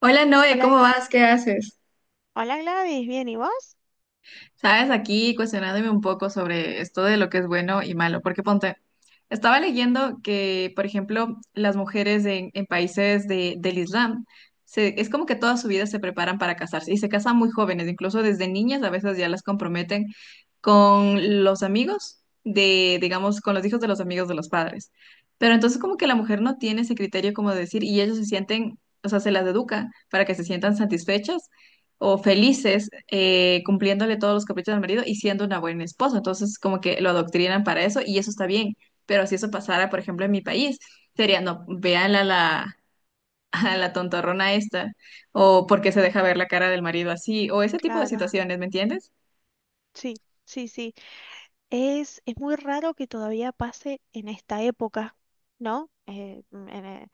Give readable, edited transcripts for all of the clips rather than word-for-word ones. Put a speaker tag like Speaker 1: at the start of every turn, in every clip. Speaker 1: Hola Noé,
Speaker 2: Hola,
Speaker 1: ¿cómo vas? ¿Qué haces?
Speaker 2: hola Gladys, ¿bien y vos?
Speaker 1: Sabes, aquí cuestionándome un poco sobre esto de lo que es bueno y malo, porque ponte, estaba leyendo que, por ejemplo, las mujeres en países del Islam. Se- es como que toda su vida se preparan para casarse y se casan muy jóvenes, incluso desde niñas a veces ya las comprometen con los amigos de, digamos, con los hijos de los amigos de los padres. Pero entonces como que la mujer no tiene ese criterio como de decir, y ellos se sienten, o sea, se las educa para que se sientan satisfechas o felices, cumpliéndole todos los caprichos al marido y siendo una buena esposa. Entonces, como que lo adoctrinan para eso y eso está bien. Pero si eso pasara, por ejemplo, en mi país, sería, no, vean a la, a la tontorrona esta, o porque se deja ver la cara del marido así, o ese tipo de
Speaker 2: Claro,
Speaker 1: situaciones, ¿me entiendes?
Speaker 2: sí, sí, sí. Es muy raro que todavía pase en esta época, ¿no?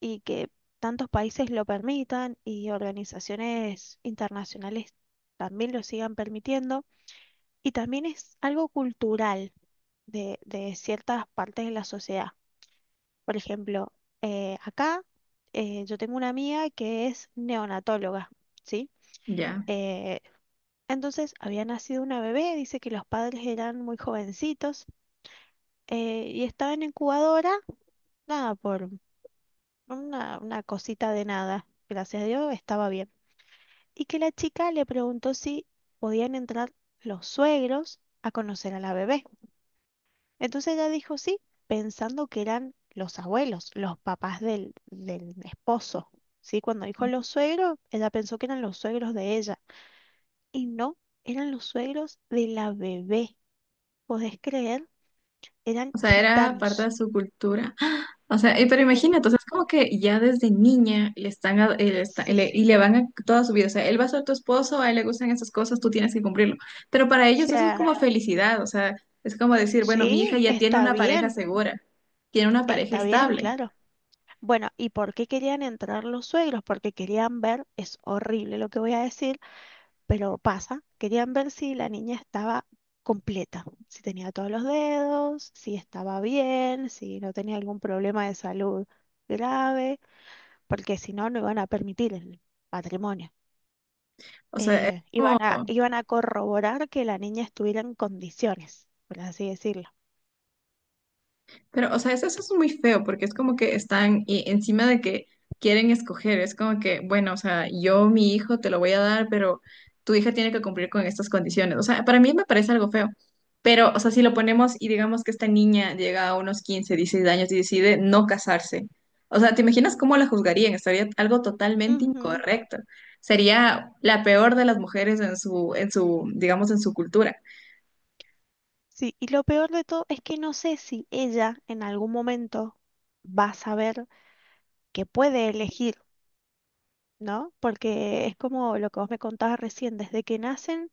Speaker 2: Y que tantos países lo permitan y organizaciones internacionales también lo sigan permitiendo. Y también es algo cultural de ciertas partes de la sociedad. Por ejemplo, acá yo tengo una amiga que es neonatóloga, ¿sí?
Speaker 1: Ya.
Speaker 2: Eh, Entonces había nacido una bebé. Dice que los padres eran muy jovencitos, y estaba en incubadora, nada, por una cosita de nada, gracias a Dios estaba bien. Y que la chica le preguntó si podían entrar los suegros a conocer a la bebé. Entonces ella dijo sí, pensando que eran los abuelos, los papás del esposo. Sí, cuando dijo los suegros, ella pensó que eran los suegros de ella y no, eran los suegros de la bebé. ¿Podés creer? Eran
Speaker 1: O sea, era parte de
Speaker 2: gitanos.
Speaker 1: su cultura. O sea, pero
Speaker 2: Eh,
Speaker 1: imagínate, o sea, es como que ya desde niña le están,
Speaker 2: sí, o
Speaker 1: y le van a toda su vida, o sea, él va a ser tu esposo, a él le gustan esas cosas, tú tienes que cumplirlo. Pero para ellos eso es
Speaker 2: sea,
Speaker 1: como felicidad, o sea, es como decir, bueno, mi hija
Speaker 2: sí,
Speaker 1: ya tiene una pareja segura, tiene una pareja
Speaker 2: está bien,
Speaker 1: estable.
Speaker 2: claro. Bueno, ¿y por qué querían entrar los suegros? Porque querían ver, es horrible lo que voy a decir, pero pasa, querían ver si la niña estaba completa, si tenía todos los dedos, si estaba bien, si no tenía algún problema de salud grave, porque si no, no iban a permitir el patrimonio.
Speaker 1: O sea.
Speaker 2: Eh, iban a corroborar que la niña estuviera en condiciones, por así decirlo.
Speaker 1: Pero, o sea, eso es muy feo porque es como que están y encima de que quieren escoger, es como que, bueno, o sea, yo mi hijo te lo voy a dar, pero tu hija tiene que cumplir con estas condiciones. O sea, para mí me parece algo feo. Pero, o sea, si lo ponemos y digamos que esta niña llega a unos 15 16 años y decide no casarse, o sea, ¿te imaginas cómo la juzgarían? Estaría algo totalmente
Speaker 2: Ujú.
Speaker 1: incorrecto. Sería la peor de las mujeres en su, digamos, en su cultura.
Speaker 2: Sí, y lo peor de todo es que no sé si ella en algún momento va a saber que puede elegir, ¿no? Porque es como lo que vos me contabas recién, desde que nacen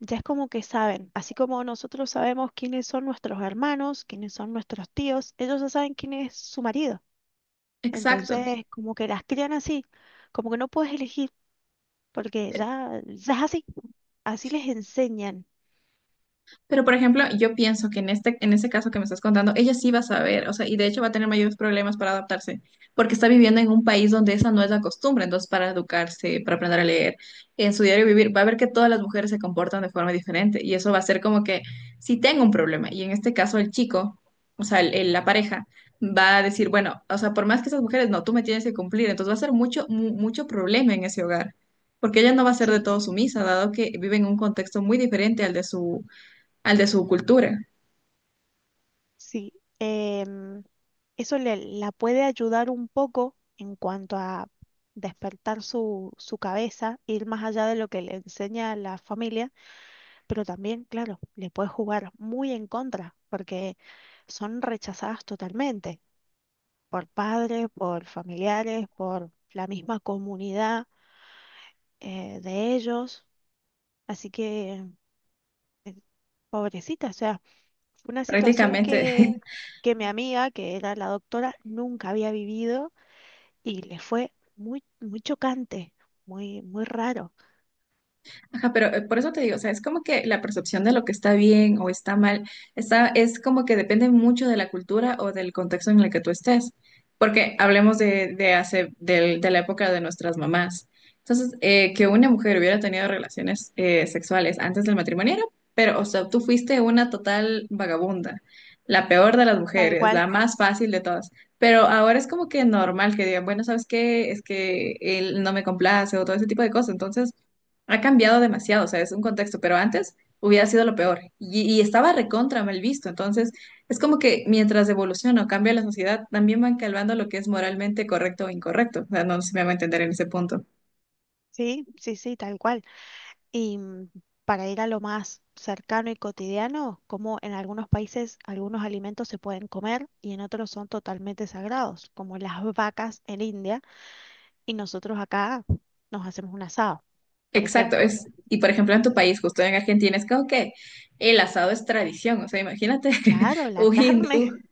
Speaker 2: ya es como que saben, así como nosotros sabemos quiénes son nuestros hermanos, quiénes son nuestros tíos, ellos ya saben quién es su marido.
Speaker 1: Exacto.
Speaker 2: Entonces, como que las crían así, como que no puedes elegir. Porque ya es así, así les enseñan.
Speaker 1: Pero, por ejemplo, yo pienso que en ese caso que me estás contando, ella sí va a saber, o sea, y de hecho va a tener mayores problemas para adaptarse, porque está viviendo en un país donde esa no es la costumbre, entonces para educarse, para aprender a leer, en su diario vivir, va a ver que todas las mujeres se comportan de forma diferente, y eso va a ser como que si tengo un problema, y en este caso el chico, o sea, la pareja va a decir, bueno, o sea, por más que esas mujeres, no, tú me tienes que cumplir, entonces va a ser mucho, mucho problema en ese hogar. Porque ella no va a ser de
Speaker 2: Sí,
Speaker 1: todo sumisa, dado que vive en un contexto muy diferente al de su cultura,
Speaker 2: sí. Em, Eso la puede ayudar un poco en cuanto a despertar su cabeza, ir más allá de lo que le enseña la familia, pero también, claro, le puede jugar muy en contra, porque son rechazadas totalmente por padres, por familiares, por la misma comunidad, de ellos. Así que, eh, pobrecita, o sea, fue una situación
Speaker 1: prácticamente.
Speaker 2: que mi amiga, que era la doctora, nunca había vivido, y le fue muy, muy chocante, muy, muy raro.
Speaker 1: Ajá, pero por eso te digo, o sea, es como que la percepción de lo que está bien o está mal, está, es como que depende mucho de la cultura o del contexto en el que tú estés, porque hablemos de la época de nuestras mamás. Entonces, que una mujer hubiera tenido relaciones sexuales antes del matrimonio, pero, o sea, tú fuiste una total vagabunda, la peor de las
Speaker 2: Tal
Speaker 1: mujeres,
Speaker 2: cual.
Speaker 1: la más fácil de todas. Pero ahora es como que normal que digan, bueno, ¿sabes qué? Es que él no me complace o todo ese tipo de cosas. Entonces, ha cambiado demasiado, o sea, es un contexto, pero antes hubiera sido lo peor y estaba recontra mal visto. Entonces, es como que mientras evoluciona o cambia la sociedad, también van calvando lo que es moralmente correcto o incorrecto. O sea, no sé si me va a entender en ese punto.
Speaker 2: Sí, sí, sí, tal cual. Y para ir a lo más cercano y cotidiano, como en algunos países algunos alimentos se pueden comer y en otros son totalmente sagrados, como las vacas en India, y nosotros acá nos hacemos un asado, por
Speaker 1: Exacto,
Speaker 2: ejemplo.
Speaker 1: es, y por ejemplo en tu país, justo en Argentina, es como que el asado es tradición, o sea, imagínate
Speaker 2: Claro, la
Speaker 1: un hindú
Speaker 2: carne,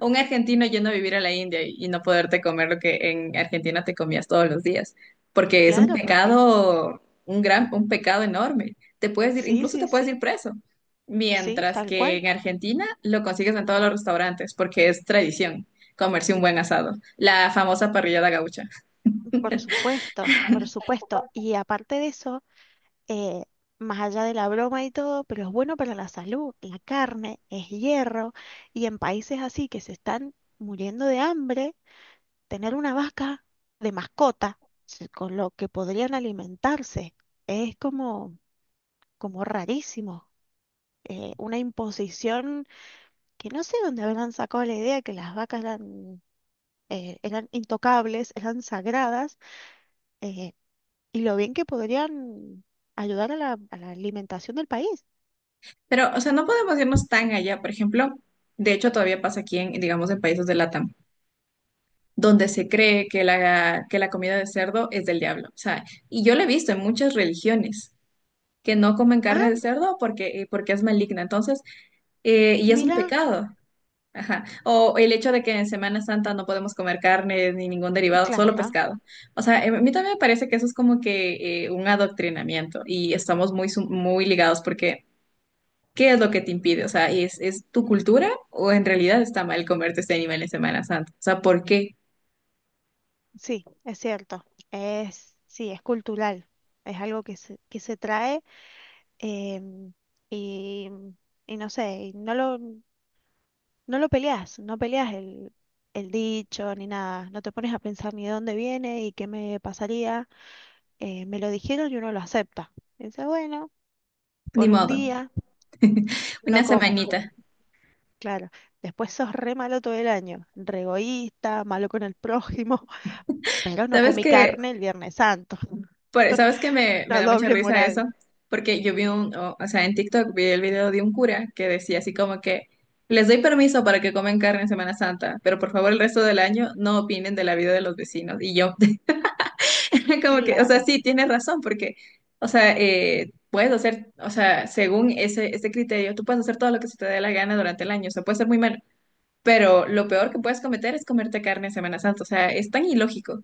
Speaker 1: un argentino yendo a vivir a la India, y no poderte comer lo que en Argentina te comías todos los días, porque es un
Speaker 2: claro, porque
Speaker 1: pecado, un gran, un pecado enorme. Te puedes ir,
Speaker 2: sí,
Speaker 1: incluso te
Speaker 2: sí,
Speaker 1: puedes ir
Speaker 2: sí,
Speaker 1: preso,
Speaker 2: sí,
Speaker 1: mientras
Speaker 2: tal
Speaker 1: que
Speaker 2: cual.
Speaker 1: en Argentina lo consigues en todos los restaurantes, porque es tradición comerse un buen asado, la famosa parrillada gaucha.
Speaker 2: Por supuesto, por supuesto. Y aparte de eso, eh, más allá de la broma y todo, pero es bueno para la salud. La carne es hierro y en países así que se están muriendo de hambre, tener una vaca de mascota se- con lo que podrían alimentarse es como, como rarísimo. Una imposición que no sé dónde habrán sacado la idea que las vacas eran, eran intocables, eran sagradas. eh, y lo bien que podrían ayudar a a la alimentación del país.
Speaker 1: Pero, o sea, no podemos irnos tan allá, por ejemplo, de hecho todavía pasa aquí en, digamos, en países de Latam donde se cree que la comida de cerdo es del diablo. O sea, y yo lo he visto en muchas religiones que no comen carne de
Speaker 2: Ah,
Speaker 1: cerdo porque, porque es maligna. Entonces, y es un
Speaker 2: mira,
Speaker 1: pecado. Ajá. O el hecho de que en Semana Santa no podemos comer carne ni ningún derivado, solo
Speaker 2: claro,
Speaker 1: pescado. O sea, a mí también me parece que eso es como que, un adoctrinamiento y estamos muy, muy ligados porque ¿qué es lo que te impide? O sea, ¿es tu cultura o en realidad está mal comerte este animal en Semana Santa? O sea, ¿por qué?
Speaker 2: sí, es cierto. Es, sí, es cultural. Es algo que se trae, em, y, y no sé, y no no lo peleas, no peleas el dicho ni nada. No te pones a pensar ni de dónde viene y qué me pasaría. Me lo dijeron y uno lo acepta. Dice, bueno,
Speaker 1: Ni
Speaker 2: por un
Speaker 1: modo.
Speaker 2: día no
Speaker 1: Una
Speaker 2: como.
Speaker 1: semanita.
Speaker 2: Claro, después sos re malo todo el año, re egoísta, malo con el prójimo, pero no
Speaker 1: ¿Sabes
Speaker 2: comí
Speaker 1: qué?
Speaker 2: carne el Viernes Santo.
Speaker 1: ¿ Sabes qué me, me
Speaker 2: La
Speaker 1: da mucha
Speaker 2: doble
Speaker 1: risa eso?
Speaker 2: moral.
Speaker 1: Porque yo vi o sea, en TikTok vi el video de un cura que decía así como que les doy permiso para que comen carne en Semana Santa, pero por favor el resto del año no opinen de la vida de los vecinos. Y yo, como que, o sea,
Speaker 2: Claro.
Speaker 1: sí, tienes razón, porque, o sea, puedes hacer, o sea, según ese criterio, tú puedes hacer todo lo que se te dé la gana durante el año, o sea, puede ser muy malo, pero lo peor que puedes cometer es comerte carne en Semana Santa, o sea, es tan ilógico.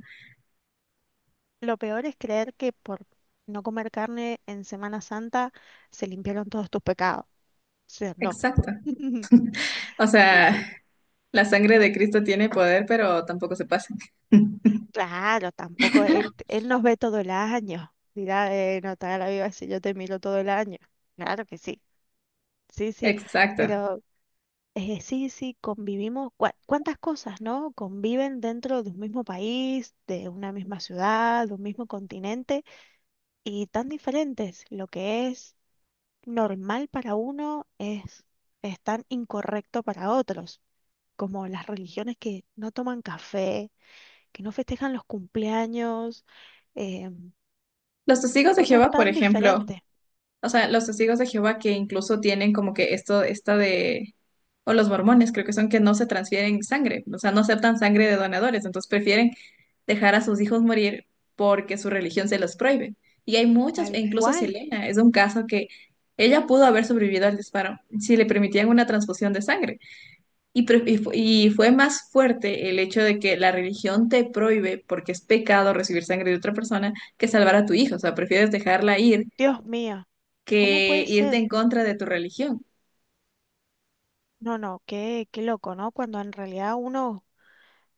Speaker 2: Lo peor es creer que por no comer carne en Semana Santa se limpiaron todos tus pecados. O sea, no.
Speaker 1: Exacto. O
Speaker 2: Sí,
Speaker 1: sea,
Speaker 2: sí.
Speaker 1: la sangre de Cristo tiene poder, pero tampoco se pasa.
Speaker 2: Claro, tampoco él, él nos ve todo el año. Dirá, no te hagas la viva si yo te miro todo el año. Claro que sí. Sí, sí.
Speaker 1: Exacto.
Speaker 2: Pero sí, sí, convivimos. Cua- ¿cuántas cosas, no? Conviven dentro de un mismo país, de una misma ciudad, de un mismo continente y tan diferentes. Lo que es normal para uno es tan incorrecto para otros, como las religiones que no toman café, que no festejan los cumpleaños, eh,
Speaker 1: Los testigos de
Speaker 2: cosas
Speaker 1: Jehová, por
Speaker 2: tan
Speaker 1: ejemplo,
Speaker 2: diferentes.
Speaker 1: o sea, los testigos de Jehová que incluso tienen como que o los mormones, creo que son que no se transfieren sangre, o sea, no aceptan sangre de donadores, entonces prefieren dejar a sus hijos morir porque su religión se los prohíbe. Y hay muchas, e
Speaker 2: Tal
Speaker 1: incluso
Speaker 2: cual,
Speaker 1: Selena es un caso que ella pudo haber sobrevivido al disparo si le permitían una transfusión de sangre. Y fue más fuerte el hecho de que la religión te prohíbe, porque es pecado recibir sangre de otra persona, que salvar a tu hijo. O sea, prefieres dejarla ir
Speaker 2: Dios mío, ¿cómo
Speaker 1: que
Speaker 2: puede
Speaker 1: irte
Speaker 2: ser?
Speaker 1: en contra de tu religión.
Speaker 2: No, no, qué, qué loco, ¿no? Cuando en realidad uno,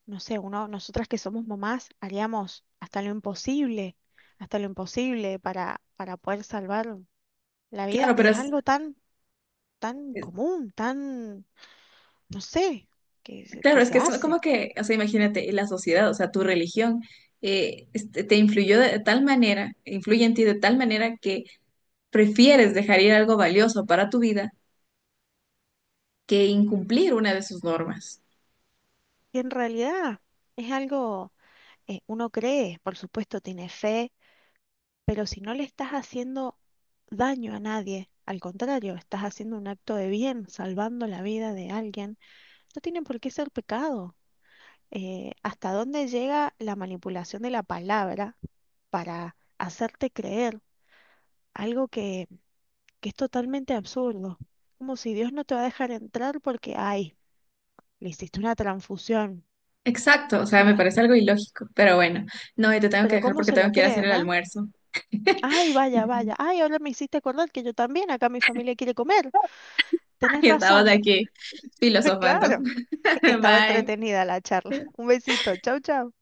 Speaker 2: no sé, uno, nosotras que somos mamás haríamos hasta lo imposible para poder salvar la vida.
Speaker 1: Claro, pero
Speaker 2: Y es algo tan, tan
Speaker 1: es-
Speaker 2: común, tan, no sé, que
Speaker 1: claro, es
Speaker 2: se
Speaker 1: que es
Speaker 2: hace.
Speaker 1: como que, o sea, imagínate, la sociedad, o sea, tu religión, te influyó de tal manera, influye en ti de tal manera que prefieres dejar ir algo valioso para tu vida que incumplir una de sus normas.
Speaker 2: Y en realidad es algo, uno cree, por supuesto, tiene fe, pero si no le estás haciendo daño a nadie, al contrario, estás haciendo un acto de bien, salvando la vida de alguien, no tiene por qué ser pecado. Eh, hasta dónde llega la manipulación de la palabra para hacerte creer algo que es totalmente absurdo. Como si Dios no te va a dejar entrar porque, ay, le hiciste una transfusión.
Speaker 1: Exacto, o
Speaker 2: O
Speaker 1: sea, me
Speaker 2: sea,
Speaker 1: parece algo ilógico, pero bueno, no, y te tengo que
Speaker 2: pero
Speaker 1: dejar
Speaker 2: ¿cómo
Speaker 1: porque
Speaker 2: se
Speaker 1: tengo
Speaker 2: lo
Speaker 1: que ir a hacer el
Speaker 2: creen, ah?
Speaker 1: almuerzo.
Speaker 2: Ay, vaya, vaya. Ay, ahora me hiciste acordar que yo también, acá mi familia quiere comer. Tenés
Speaker 1: Y estamos
Speaker 2: razón.
Speaker 1: aquí filosofando.
Speaker 2: Claro. Es que estaba
Speaker 1: Bye.
Speaker 2: entretenida la charla. Un besito. Chau, chau.